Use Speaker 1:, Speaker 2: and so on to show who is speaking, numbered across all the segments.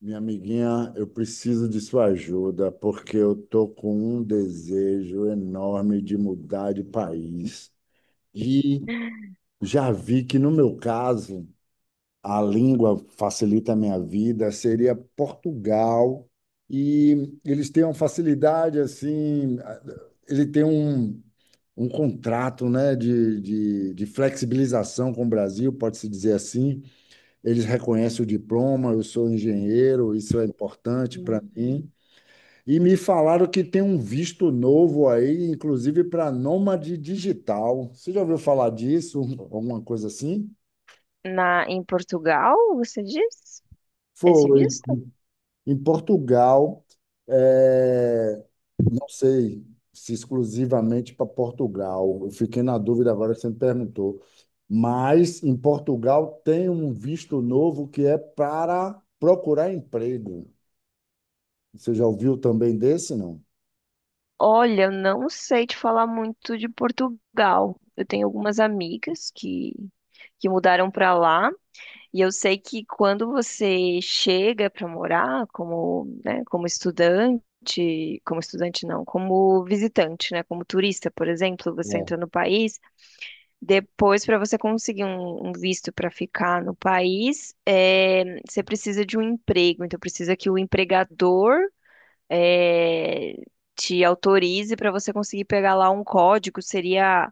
Speaker 1: Minha amiguinha, eu preciso de sua ajuda porque eu tô com um desejo enorme de mudar de país. E já vi que, no meu caso, a língua facilita a minha vida, seria Portugal. E eles têm uma facilidade assim, ele tem um, um contrato, né, de flexibilização com o Brasil, pode-se dizer assim. Eles reconhecem o diploma, eu sou engenheiro, isso é importante para
Speaker 2: Uhum.
Speaker 1: mim. E me falaram que tem um visto novo aí, inclusive para nômade digital. Você já ouviu falar disso? Alguma coisa assim?
Speaker 2: Na, em Portugal, você diz? Esse
Speaker 1: Foi.
Speaker 2: visto?
Speaker 1: Em Portugal, é, não sei se exclusivamente para Portugal. Eu fiquei na dúvida agora que você me perguntou. Mas em Portugal tem um visto novo que é para procurar emprego. Você já ouviu também desse, não?
Speaker 2: Olha, eu não sei te falar muito de Portugal. Eu tenho algumas amigas que mudaram para lá, e eu sei que quando você chega para morar como, né, como estudante não, como visitante, né, como turista, por exemplo, você entra
Speaker 1: É,
Speaker 2: no país. Depois, para você conseguir um visto para ficar no país, você precisa de um emprego. Então, precisa que o empregador eh, te autorize para você conseguir pegar lá um código. Seria,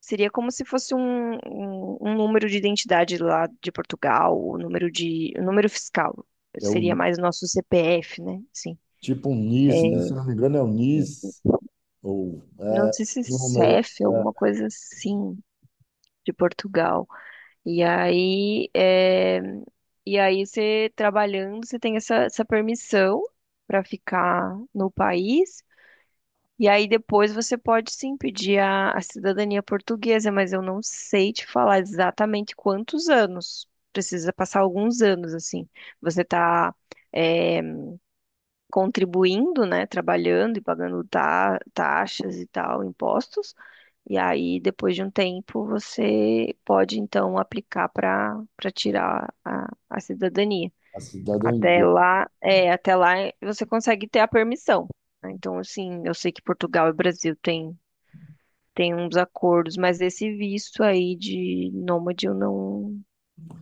Speaker 2: seria como se fosse um número de identidade lá de Portugal, o número de, o número fiscal.
Speaker 1: é
Speaker 2: Seria
Speaker 1: o,
Speaker 2: mais o nosso CPF, né? Sim.
Speaker 1: tipo um
Speaker 2: É,
Speaker 1: NIS, né? Se não me engano, é o NIS, ou
Speaker 2: não
Speaker 1: é,
Speaker 2: sei se
Speaker 1: número,
Speaker 2: CEF,
Speaker 1: é,
Speaker 2: alguma coisa assim de Portugal. E aí, é, e aí você trabalhando, você tem essa, essa permissão para ficar no país. E aí depois você pode sim pedir a cidadania portuguesa, mas eu não sei te falar exatamente quantos anos. Precisa passar alguns anos, assim. Você tá, eh, contribuindo, né, trabalhando e pagando taxas e tal, impostos. E aí, depois de um tempo, você pode então aplicar para tirar a cidadania.
Speaker 1: a
Speaker 2: Até
Speaker 1: cidadania.
Speaker 2: lá, é, até lá você consegue ter a permissão. Né? Então, assim, eu sei que Portugal e Brasil têm tem uns acordos, mas esse visto aí de nômade eu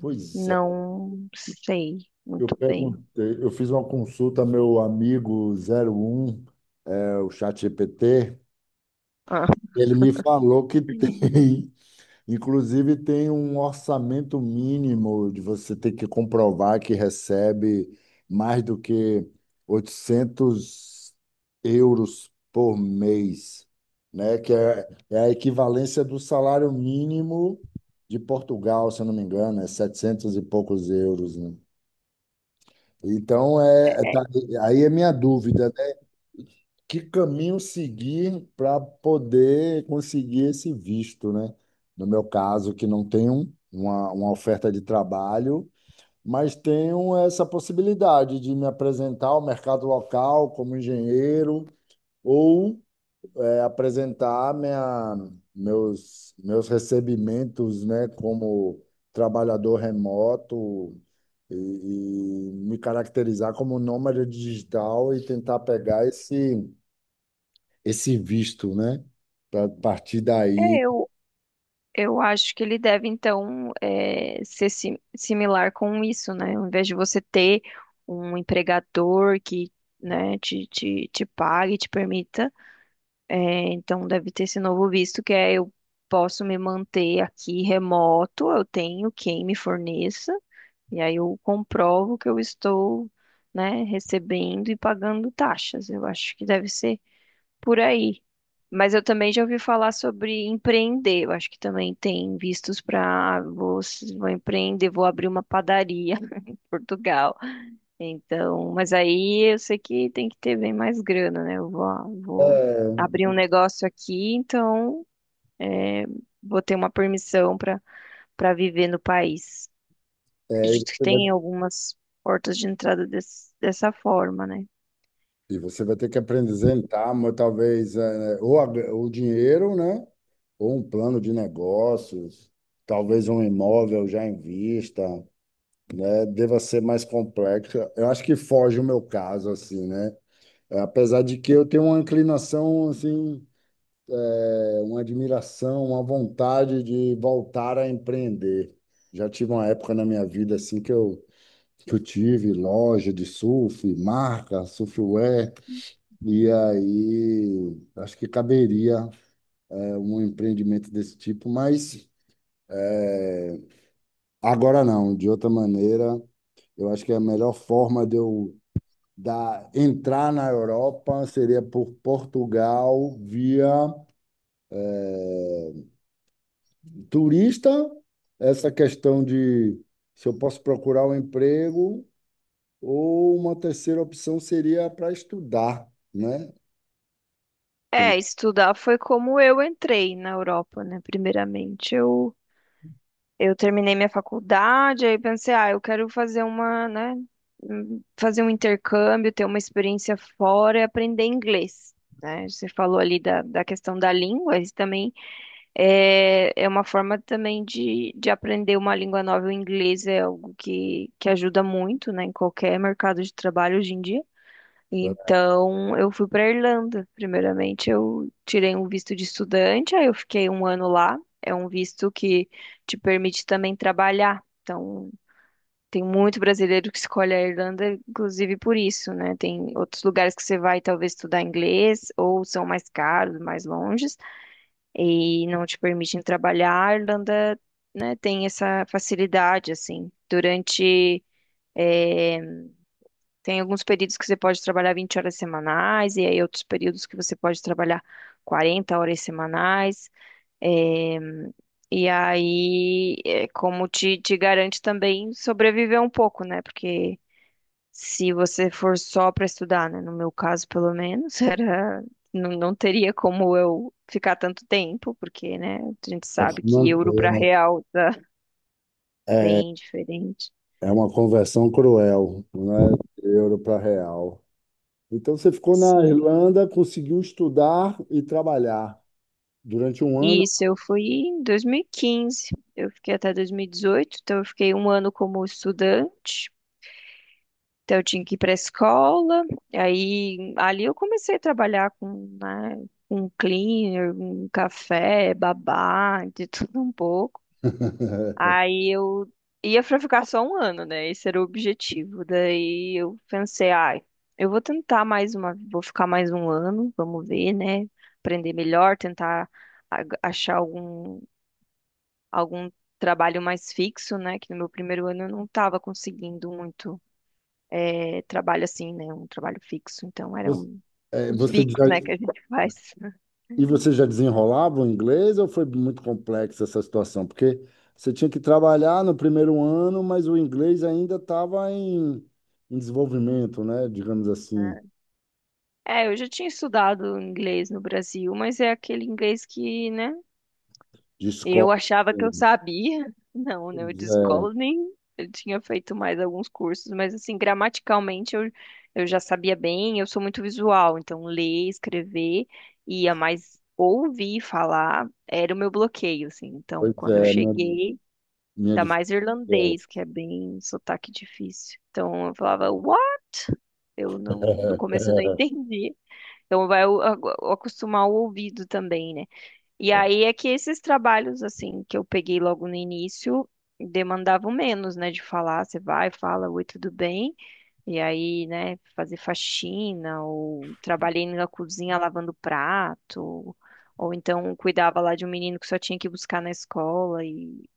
Speaker 1: Pois é,
Speaker 2: não sei
Speaker 1: eu
Speaker 2: muito bem.
Speaker 1: perguntei, eu fiz uma consulta ao meu amigo 01, é, o ChatGPT,
Speaker 2: Ah.
Speaker 1: ele me falou que tem. Inclusive, tem um orçamento mínimo de você ter que comprovar que recebe mais do que 800 euros por mês, né? Que é, é a equivalência do salário mínimo de Portugal, se eu não me engano, é 700 e poucos euros, né? Então, é, é-
Speaker 2: É,
Speaker 1: tá- aí é minha dúvida, que caminho seguir para poder conseguir esse visto, né? No meu caso, que não tenho uma oferta de trabalho, mas tenho essa possibilidade de me apresentar ao mercado local como engenheiro, ou é, apresentar minha, meus recebimentos, né, como trabalhador remoto. E me caracterizar como nômade digital e tentar pegar esse, esse visto, né? Para partir daí,
Speaker 2: eu. Eu acho que ele deve, então, ser similar com isso, né? Ao invés de você ter um empregador que, né, te pague, te permita, então deve ter esse novo visto, que é eu posso me manter aqui remoto, eu tenho quem me forneça, e aí eu comprovo que eu estou, né, recebendo e pagando taxas. Eu acho que deve ser por aí. Mas eu também já ouvi falar sobre empreender. Eu acho que também tem vistos para vou, vou empreender, vou abrir uma padaria em Portugal. Então, mas aí eu sei que tem que ter bem mais grana, né? Eu vou, vou
Speaker 1: é,
Speaker 2: abrir um negócio aqui, então vou ter uma permissão para viver no país.
Speaker 1: é,
Speaker 2: Acredito que
Speaker 1: você vai,
Speaker 2: tem algumas portas de entrada dessa forma, né?
Speaker 1: e você vai ter que apresentar, mas talvez, é, ou a- o dinheiro, né? Ou um plano de negócios, talvez um imóvel já em vista. É, deva ser mais complexo. Eu acho que foge o meu caso, assim, né? É, apesar de que eu tenho uma inclinação, assim, é, uma admiração, uma vontade de voltar a empreender. Já tive uma época na minha vida, assim, que eu tive loja de surf, marca, surfwear, e aí acho que caberia, é, um empreendimento desse tipo, mas agora não, de outra maneira, eu acho que a melhor forma de eu dar, entrar na Europa seria por Portugal via turista, essa questão de se eu posso procurar um emprego, ou uma terceira opção seria para estudar, né? Tem
Speaker 2: É, estudar foi como eu entrei na Europa, né? Primeiramente, eu terminei minha faculdade, aí pensei, ah, eu quero fazer uma, né, fazer um intercâmbio, ter uma experiência fora e aprender inglês. Né? Você falou ali da, da questão da língua, isso também é, é uma forma também de aprender uma língua nova. O inglês é algo que ajuda muito, né, em qualquer mercado de trabalho hoje em dia. Então, eu fui para Irlanda. Primeiramente, eu tirei um visto de estudante, aí eu fiquei um ano lá. É um visto que te permite também trabalhar. Então, tem muito brasileiro que escolhe a Irlanda, inclusive por isso, né? Tem outros lugares que você vai talvez estudar inglês, ou são mais caros, mais longes, e não te permitem trabalhar. A Irlanda, né, tem essa facilidade, assim. Durante eh, tem alguns períodos que você pode trabalhar 20 horas semanais, e aí outros períodos que você pode trabalhar 40 horas semanais. eh, e aí, é como te garante também sobreviver um pouco, né? Porque se você for só para estudar, né? No meu caso, pelo menos, era, não, não teria como eu ficar tanto tempo, porque, né? A gente
Speaker 1: para
Speaker 2: sabe
Speaker 1: se
Speaker 2: que euro
Speaker 1: manter,
Speaker 2: para
Speaker 1: né?
Speaker 2: real tá
Speaker 1: É,
Speaker 2: bem diferente.
Speaker 1: é uma conversão cruel, né? De euro para real. Então você ficou na
Speaker 2: Sim.
Speaker 1: Irlanda, conseguiu estudar e trabalhar durante um ano.
Speaker 2: Isso, eu fui em 2015. Eu fiquei até 2018, então eu fiquei um ano como estudante. Então eu tinha que ir para a escola. Aí ali eu comecei a trabalhar com, né, um cleaner, um café, babá, de tudo um pouco. Aí eu ia para ficar só um ano, né? Esse era o objetivo. Daí eu pensei, ai, eu vou tentar mais uma, vou ficar mais um ano, vamos ver, né? Aprender melhor, tentar achar algum trabalho mais fixo, né? Que no meu primeiro ano eu não estava conseguindo muito trabalho assim, né? Um trabalho fixo. Então
Speaker 1: Você,
Speaker 2: eram
Speaker 1: é,
Speaker 2: os
Speaker 1: você
Speaker 2: bicos,
Speaker 1: já,
Speaker 2: né, que a gente faz.
Speaker 1: e você já desenrolava o inglês ou foi muito complexa essa situação? Porque você tinha que trabalhar no primeiro ano, mas o inglês ainda estava em, em desenvolvimento, né? Digamos assim,
Speaker 2: É, eu já tinha estudado inglês no Brasil, mas é aquele inglês que, né?
Speaker 1: de escola.
Speaker 2: Eu achava que
Speaker 1: Pois
Speaker 2: eu sabia. Não, né? Eu de
Speaker 1: é,
Speaker 2: escola nem eu tinha feito mais alguns cursos, mas assim, gramaticalmente eu já sabia bem, eu sou muito visual, então ler, escrever, ia mais ouvir falar era o meu bloqueio, assim. Então,
Speaker 1: pois
Speaker 2: quando eu
Speaker 1: é, minha,
Speaker 2: cheguei,
Speaker 1: minha
Speaker 2: ainda mais
Speaker 1: dificuldade.
Speaker 2: irlandês, que é bem sotaque difícil. Então eu falava, uau, eu não, no começo eu não entendi. Então vai acostumar o ouvido também, né? E aí é que esses trabalhos, assim, que eu peguei logo no início, demandavam menos, né? De falar, você vai, fala, oi, tudo bem? E aí, né, fazer faxina, ou trabalhei na cozinha lavando prato, ou então cuidava lá de um menino que só tinha que buscar na escola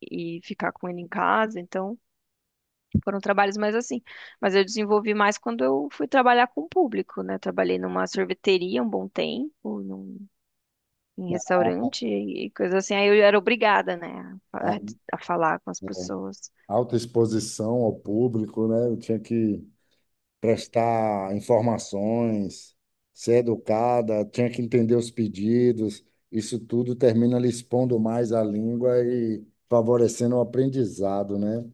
Speaker 2: e ficar com ele em casa. Então, foram trabalhos mais assim. Mas eu desenvolvi mais quando eu fui trabalhar com o público, né? Trabalhei numa sorveteria um bom tempo, num em restaurante e coisa assim. Aí eu era obrigada, né, a falar, a falar com as pessoas.
Speaker 1: Alta exposição ao público, né? Eu tinha que prestar informações, ser educada, tinha que entender os pedidos. Isso tudo termina lhe expondo mais a língua e favorecendo o aprendizado, né?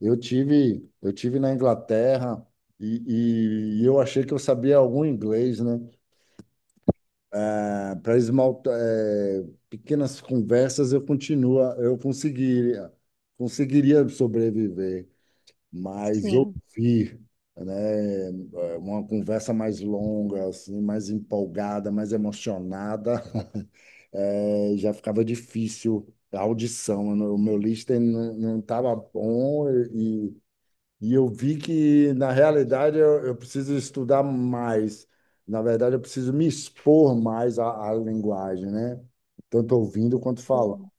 Speaker 1: Eu tive na Inglaterra e eu achei que eu sabia algum inglês, né? Para esmaltar, pequenas conversas eu continua, eu conseguiria, conseguiria sobreviver, mas
Speaker 2: Sim,
Speaker 1: ouvir, né, uma conversa mais longa, assim, mais empolgada, mais emocionada, já ficava difícil a audição, né? O meu listening não estava bom, e eu vi que, na realidade, eu preciso estudar mais. Na verdade, eu preciso me expor mais à, à linguagem, né? Tanto ouvindo quanto falando.
Speaker 2: sim.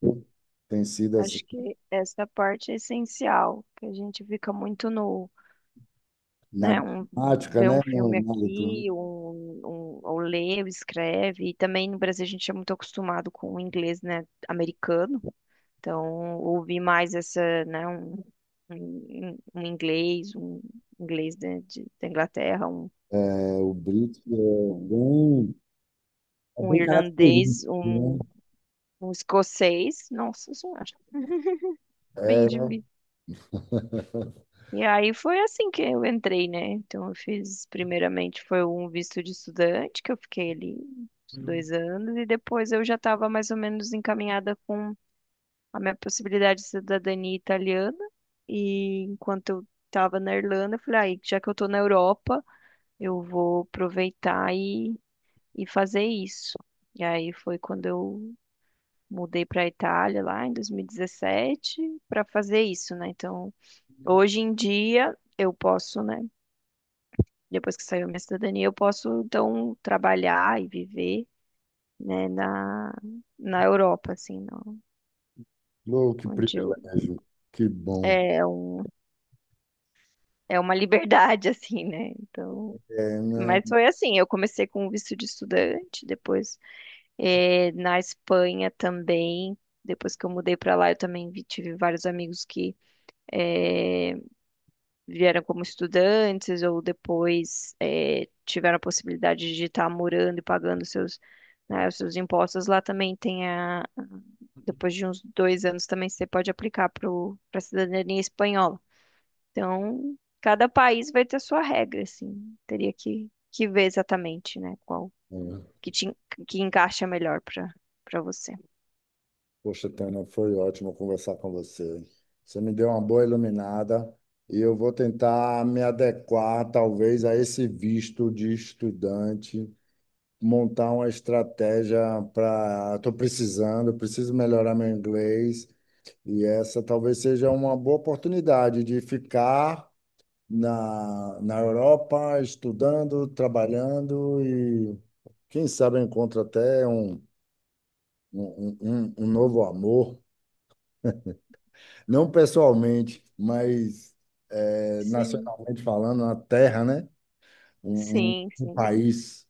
Speaker 1: Tem sido assim,
Speaker 2: Acho que essa parte é essencial, que a gente fica muito no,
Speaker 1: na
Speaker 2: né, um,
Speaker 1: prática,
Speaker 2: vê um
Speaker 1: né?
Speaker 2: filme
Speaker 1: Na leitura.
Speaker 2: aqui, ou lê, ou escreve. E também no Brasil a gente é muito acostumado com o inglês, né, americano. Então, ouvir mais essa, né, um inglês, um inglês né, de, da Inglaterra,
Speaker 1: É, o Brito
Speaker 2: um
Speaker 1: é
Speaker 2: um
Speaker 1: bem característico,
Speaker 2: irlandês,
Speaker 1: né?
Speaker 2: um escocês. Nossa senhora, bem de
Speaker 1: É,
Speaker 2: vida. E aí foi assim que eu entrei, né? Então eu fiz, primeiramente, foi um visto de estudante, que eu fiquei ali uns dois anos, e depois eu já estava mais ou menos encaminhada com a minha possibilidade de cidadania italiana. E enquanto eu estava na Irlanda, eu falei, aí, já que eu estou na Europa, eu vou aproveitar e fazer isso. E aí foi quando eu mudei para a Itália lá em 2017 para fazer isso, né? Então, hoje em dia eu posso, né? Depois que saiu a minha cidadania, eu posso então trabalhar e viver, né, na Europa, assim, não,
Speaker 1: louco, que
Speaker 2: onde eu
Speaker 1: privilégio, que bom.
Speaker 2: é um, é uma liberdade assim, né? Então,
Speaker 1: É, né?
Speaker 2: mas foi assim, eu comecei com o visto de estudante, depois na Espanha também, depois que eu mudei para lá, eu também tive vários amigos que é, vieram como estudantes ou depois tiveram a possibilidade de estar morando e pagando seus, né, os seus impostos, lá também tem a, depois de uns dois anos também você pode aplicar para a cidadania espanhola. Então, cada país vai ter a sua regra, assim, teria que ver exatamente, né, qual que te, que encaixa melhor para você.
Speaker 1: Poxa, Tânia, foi ótimo conversar com você. Você me deu uma boa iluminada, e eu vou tentar me adequar, talvez, a esse visto de estudante, montar uma estratégia para. Estou precisando, preciso melhorar meu inglês, e essa talvez seja uma boa oportunidade de ficar na, na Europa, estudando, trabalhando e, quem sabe, eu encontro até um, um, um, um novo amor. Não pessoalmente, mas
Speaker 2: Sim,
Speaker 1: nacionalmente falando, uma terra, né? Um, um,
Speaker 2: sim,
Speaker 1: um
Speaker 2: sim.
Speaker 1: país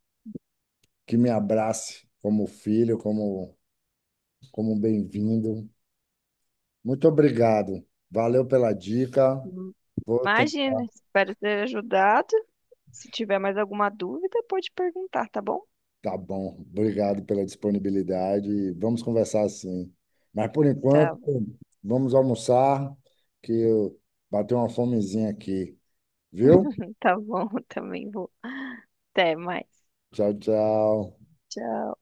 Speaker 1: que me abrace como filho, como, como bem-vindo. Muito obrigado. Valeu pela dica. Vou tentar.
Speaker 2: Imagina, espero ter ajudado. Se tiver mais alguma dúvida, pode perguntar, tá bom?
Speaker 1: Tá bom. Obrigado pela disponibilidade. Vamos conversar sim. Mas por
Speaker 2: Tá,
Speaker 1: enquanto, vamos almoçar, que eu bateu uma fomezinha aqui, viu?
Speaker 2: tá bom, também vou. Até mais.
Speaker 1: Tchau, tchau.
Speaker 2: Tchau.